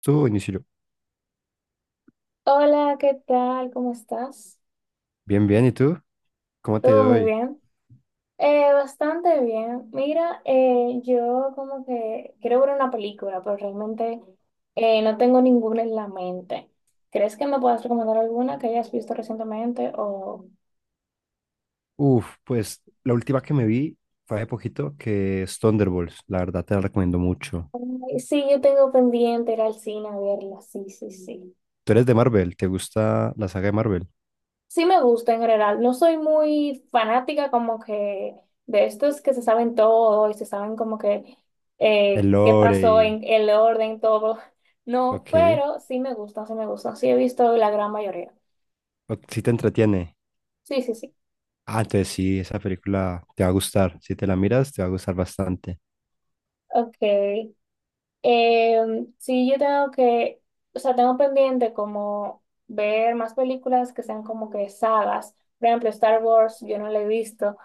Tú, Inicio. Hola, ¿qué tal? ¿Cómo estás? Bien, bien. ¿Y tú? ¿Cómo te Todo muy doy? bien. Bastante bien. Mira, yo como que quiero ver una película, pero realmente no tengo ninguna en la mente. ¿Crees que me puedas recomendar alguna que hayas visto recientemente? O... Uf, pues la última que me vi fue hace poquito, que es Thunderbolts. La verdad te la recomiendo mucho. Sí, yo tengo pendiente ir al cine a verla. Sí, sí, sí. Tú eres de Marvel, ¿te gusta la saga de Marvel? Sí me gusta en general. No soy muy fanática como que de estos que se saben todo y se saben como que El qué lore pasó y... en el orden, todo. No, Ok. pero sí me gustan, sí me gustan. Sí he visto la gran mayoría. Sí te entretiene. Sí, sí, sí. Ah, entonces sí, esa película te va a gustar. Si te la miras, te va a gustar bastante. Ok. Sí, o sea, tengo pendiente como ver más películas que sean como que sagas. Por ejemplo, Star Wars, yo no la he visto.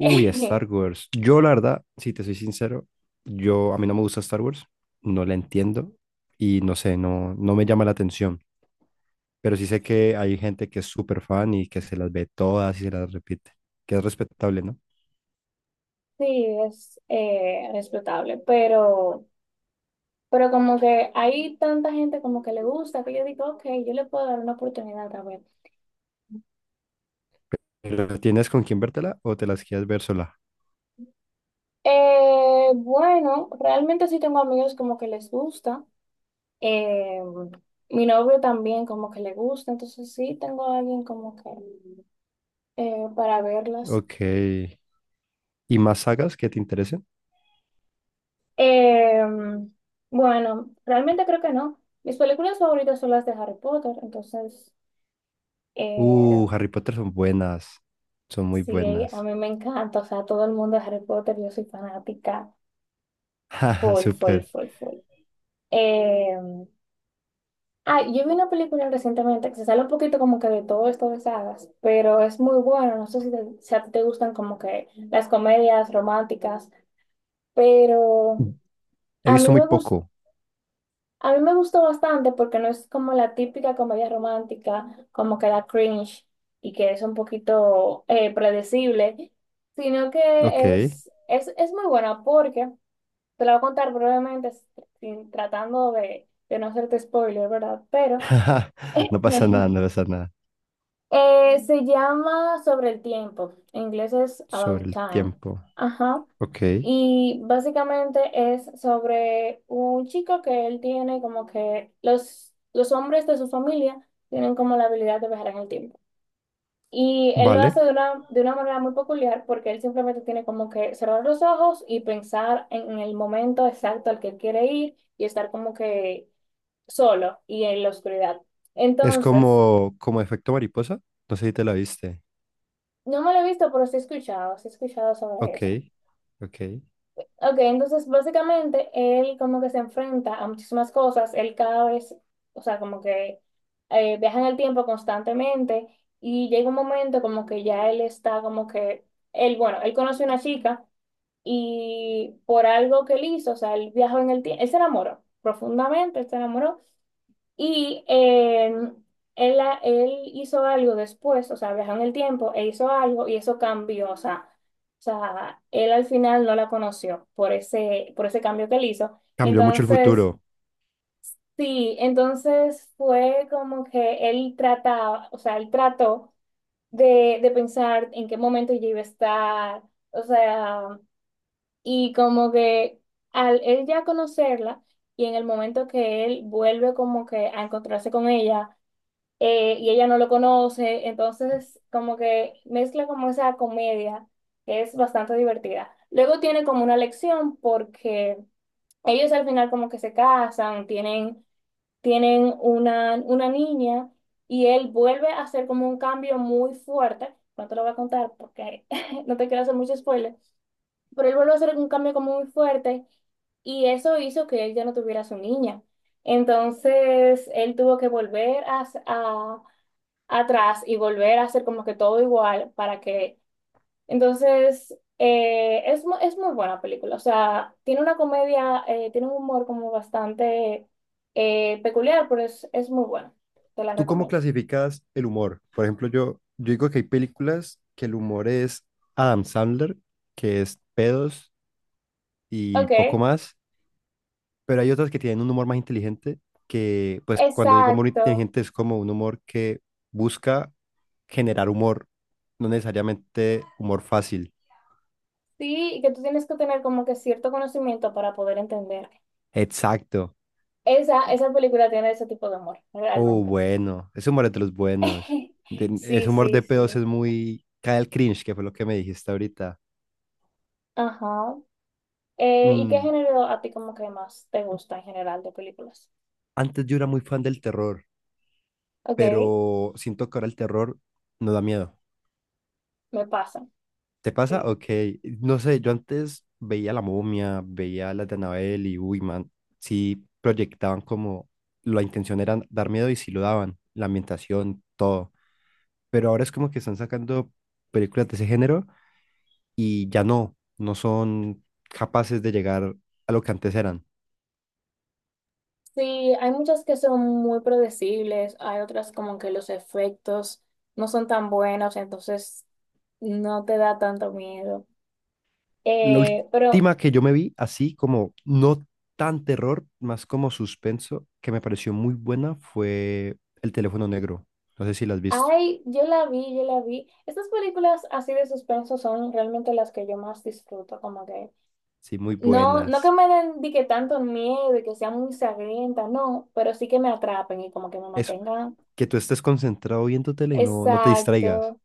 Star Wars. Yo la verdad, si te soy sincero, yo a mí no me gusta Star Wars. No la entiendo y no sé, no, no me llama la atención. Pero sí sé que hay gente que es súper fan y que se las ve todas y se las repite, que es respetable, ¿no? Sí, es respetable, pero... Pero como que hay tanta gente como que le gusta, que yo digo, ok, yo le puedo dar una oportunidad a ver. Pero, ¿tienes con quién vértela o te las quieres ver sola? Bueno, realmente sí tengo amigos como que les gusta. Eh, mi novio también como que le gusta, entonces sí tengo a alguien como que para verlas. Ok. ¿Y más sagas que te interesen? Eh, bueno, realmente creo que no. Mis películas favoritas son las de Harry Potter, entonces eh, Harry Potter son buenas, son muy sí, a buenas. mí me encanta, o sea, todo el mundo de Harry Potter, yo soy fanática. Jaja, Full, full, súper. full, full. Eh, yo vi una película recientemente que se sale un poquito como que de todo esto de sagas, pero es muy bueno. No sé si a ti te gustan como que las comedias románticas, pero He a visto mí muy me gus- poco. a mí me gustó bastante porque no es como la típica comedia romántica, como que da cringe y que es un poquito predecible, sino Ok. que es, es, es muy buena porque, te la voy a contar brevemente, tratando de no hacerte spoiler, ¿verdad? Pero No pasa nada, no pasa nada. Se llama Sobre el tiempo. En inglés es Sobre About el Time. tiempo. Ajá. Ok. Y básicamente es sobre un chico que él tiene como que los hombres de su familia tienen como la habilidad de viajar en el tiempo. Y él lo Vale. hace de una manera muy peculiar porque él simplemente tiene como que cerrar los ojos y pensar en el momento exacto al que quiere ir y estar como que solo y en la oscuridad. Es Entonces, como, como efecto mariposa. No sé si te la viste. no me lo he visto, pero sí he escuchado sobre Ok. eso. Ok. Ok, entonces básicamente él como que se enfrenta a muchísimas cosas, él cada vez, o sea, como que viaja en el tiempo constantemente y llega un momento como que ya él está como que, él, bueno, él conoce a una chica y por algo que él hizo, o sea, él viajó en el tiempo, él se enamoró profundamente, él se enamoró y él hizo algo después, o sea, viajó en el tiempo e hizo algo y eso cambió, o sea, él al final no la conoció por ese cambio que él hizo. Cambió mucho el Entonces, futuro. sí, entonces fue como que él trataba, o sea, él trató de pensar en qué momento ella iba a estar, o sea, y como que al él ya conocerla y en el momento que él vuelve como que a encontrarse con ella, y ella no lo conoce, entonces como que mezcla como esa comedia que es bastante divertida. Luego tiene como una lección porque ellos al final como que se casan, tienen una niña y él vuelve a hacer como un cambio muy fuerte. No te lo voy a contar porque no te quiero hacer mucho spoiler, pero él vuelve a hacer un cambio como muy fuerte y eso hizo que él ya no tuviera a su niña. Entonces, él tuvo que atrás y volver a hacer como que todo igual para que... Entonces, es muy buena película. O sea, tiene una comedia, tiene un humor como bastante peculiar, pero es muy buena. Te la ¿Tú cómo recomiendo. clasificas el humor? Por ejemplo, yo digo que hay películas que el humor es Adam Sandler, que es pedos y poco Ok, más, pero hay otras que tienen un humor más inteligente, que pues cuando digo humor exacto. inteligente es como un humor que busca generar humor, no necesariamente humor fácil. Sí, y que tú tienes que tener como que cierto conocimiento para poder entender. Exacto. Esa película tiene ese tipo de humor, Oh, realmente. bueno, ese humor es de los buenos. De- ese Sí, humor sí, de sí. pedos es muy... Cae el cringe, que fue lo que me dijiste ahorita. Ajá. ¿Y qué Mm, género a ti como que más te gusta en general de películas? Antes yo era muy fan del terror. Ok, Pero siento que ahora el terror no da miedo. me pasa. ¿Te pasa? Sí. Ok, no sé, yo antes veía La Momia, veía las de Annabelle y uy, man, sí proyectaban como la intención era dar miedo y sí lo daban, la ambientación, todo. Pero ahora es como que están sacando películas de ese género y ya no, no son capaces de llegar a lo que antes eran. Sí, hay muchas que son muy predecibles, hay otras como que los efectos no son tan buenos, entonces no te da tanto miedo. La Pero última que yo me vi, así como no tan terror, más como suspenso, que me pareció muy buena, fue El teléfono negro. No sé si la has visto. hay, yo la vi, yo la vi. Estas películas así de suspenso son realmente las que yo más disfruto, como que Sí, muy no, no que buenas. me den di que tanto miedo y que sean muy sangrientas, no, pero sí que me atrapen y como que me Eso, mantengan, que tú estés concentrado viendo tele y no, no te distraigas. exacto,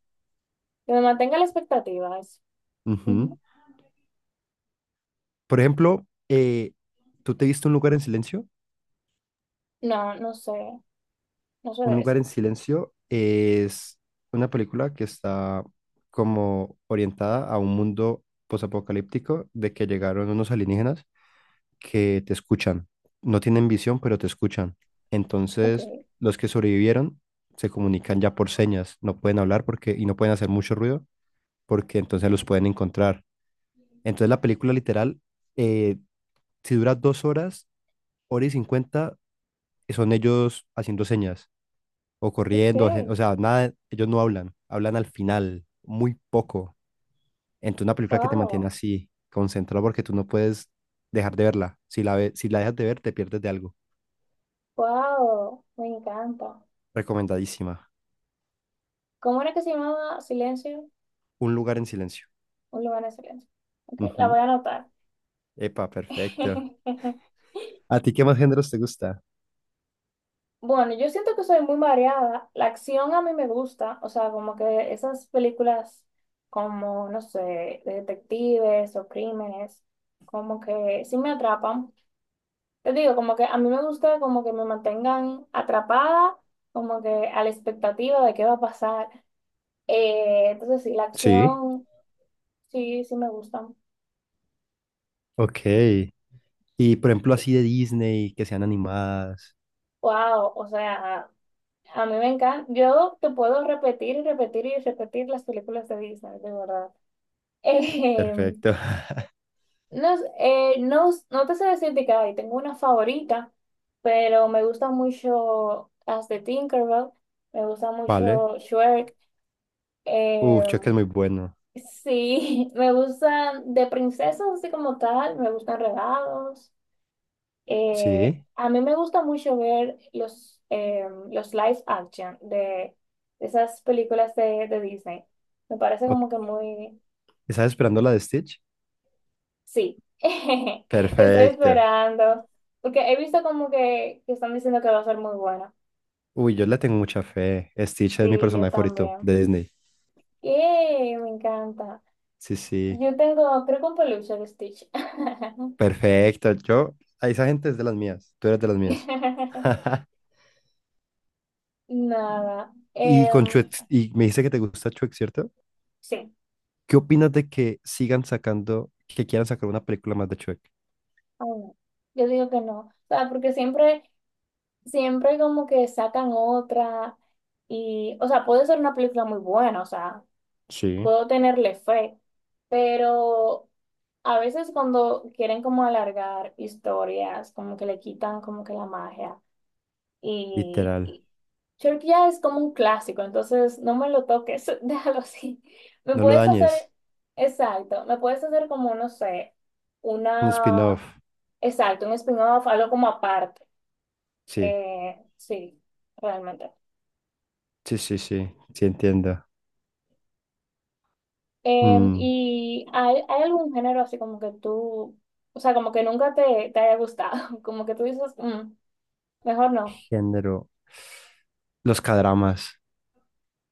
que me mantenga la expectativa. Eso. Ujú. Por ejemplo, ¿tú te viste Un lugar en silencio? No, no sé, no sé Un de eso. lugar en silencio es una película que está como orientada a un mundo posapocalíptico de que llegaron unos alienígenas que te escuchan. No tienen visión, pero te escuchan. Ok, Entonces, los que sobrevivieron se comunican ya por señas, no pueden hablar porque y no pueden hacer mucho ruido porque entonces los pueden encontrar. Entonces la película literal, eh, si dura 2 horas, 1:50, son ellos haciendo señas o ok, corriendo, o sea, nada, ellos no hablan, hablan al final, muy poco. Entonces una película que te mantiene wow, así, concentrado porque tú no puedes dejar de verla. Si la si la dejas de ver, te pierdes de algo. wow, me encanta. Recomendadísima. ¿Cómo era que se llamaba Silencio? Un lugar en silencio. Un lugar de silencio. Ok, la voy Ujú. a anotar. Epa, perfecto. ¿A ti qué más géneros te gusta? Bueno, yo siento que soy muy variada. La acción a mí me gusta, o sea, como que esas películas como, no sé, de detectives o crímenes, como que sí me atrapan. Te digo, como que a mí me gusta como que me mantengan atrapada, como que a la expectativa de qué va a pasar. Entonces sí, la Sí. acción sí, sí me gusta. Ok. Y por ejemplo, así de Disney, que sean animadas. Wow, o sea, a mí me encanta. Yo te puedo repetir y repetir y repetir las películas de Disney, de verdad. Eh, Perfecto. No te sé decir de que ay, tengo una favorita, pero me gusta mucho las de Tinkerbell, me gusta Vale. mucho Shrek. Eh, Chuck es muy bueno. sí, me gustan de princesas así como tal, me gustan Regados. Sí. A mí me gusta mucho ver los live action de esas películas de Disney. Me parece como que Ok. muy... ¿Estás esperando la de Stitch? Sí, estoy Perfecto. esperando. Porque he visto como que están diciendo que va a ser muy buena. Uy, yo le tengo mucha fe. Stitch es mi Sí, yo personaje favorito también. de Disney. ¡Yay! Me encanta. Sí, sí. Yo tengo, creo que un peluche de Stitch. Perfecto. Yo, a esa gente es de las mías. Tú eres de las mías. Nada. Y con Chuck, y me dice que te gusta Chuck, ¿cierto? Sí. ¿Qué opinas de que sigan sacando, que quieran sacar una película más de Shrek? Ay, no. Yo digo que no. O sea, porque siempre... siempre como que sacan otra y, o sea, puede ser una película muy buena, o sea, Sí, puedo tenerle fe, pero a veces cuando quieren como alargar historias, como que le quitan como que la magia literal. y Shrek ya es como un clásico, entonces no me lo toques, déjalo así. Me No lo puedes dañes. hacer, exacto, me puedes hacer como, no sé, Un una, spin-off. exacto, un spin-off, algo como aparte. Sí, Sí, realmente. sí, sí, sí. Sí entiendo. Em, Mm, ¿y hay algún género así como que tú, o sea, como que nunca te haya gustado? Como que tú dices, "Mm, mejor no". género. Los cadramas.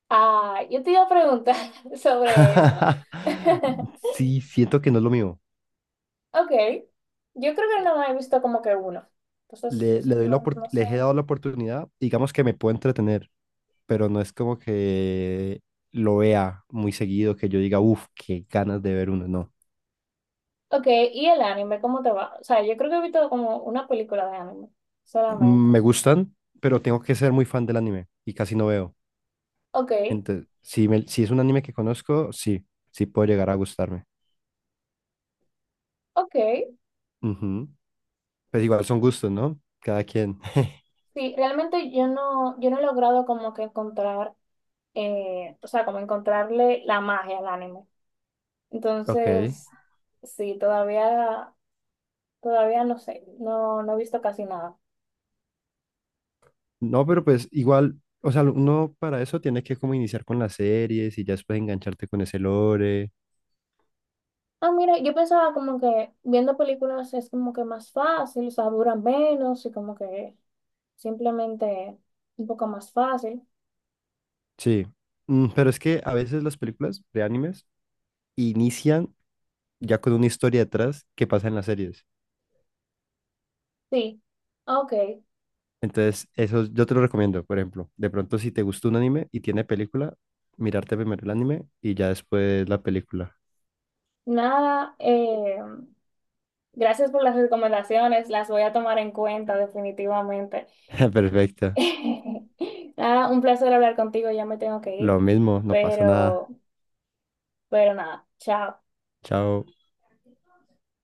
Ah, yo te iba a preguntar sobre eso. Sí, siento que no es lo mío. Ok, yo creo que no he visto como que uno. Entonces, Le, le doy la no, no sé. les he dado la oportunidad, digamos que me puedo entretener, pero no es como que lo vea muy seguido, que yo diga, uff, qué ganas de ver uno, no. Ok, ¿y el anime cómo te va? O sea, yo creo que he visto como una película de anime solamente. Mm, me gustan, pero tengo que ser muy fan del anime y casi no veo. Ok, Entonces, si, si es un anime que conozco, sí, sí puede llegar a gustarme. ok. Ujú. Pues igual son gustos, ¿no? Cada quien. Sí, realmente yo no, yo no he logrado como que encontrar o sea, como encontrarle la magia al anime. Ok. Entonces, sí, todavía, todavía no sé, no, no he visto casi nada. No, pero pues igual, o sea, uno para eso tiene que como iniciar con las series y ya después engancharte con ese lore. Ah, mira, yo pensaba como que viendo películas es como que más fácil, o sea, duran menos y como que simplemente un poco más fácil. Sí. Mm, pero es que a veces las películas de animes inician ya con una historia detrás que pasa en las series. Sí, ah, ok, Entonces, eso yo te lo recomiendo, por ejemplo. De pronto, si te gusta un anime y tiene película, mirarte primero el anime y ya después la película. nada, gracias por las recomendaciones, las voy a tomar en cuenta definitivamente. Perfecto. Nada, un placer hablar contigo, ya me tengo que ir, Lo mismo, no pasa nada. pero, pero nada, chao. Chao.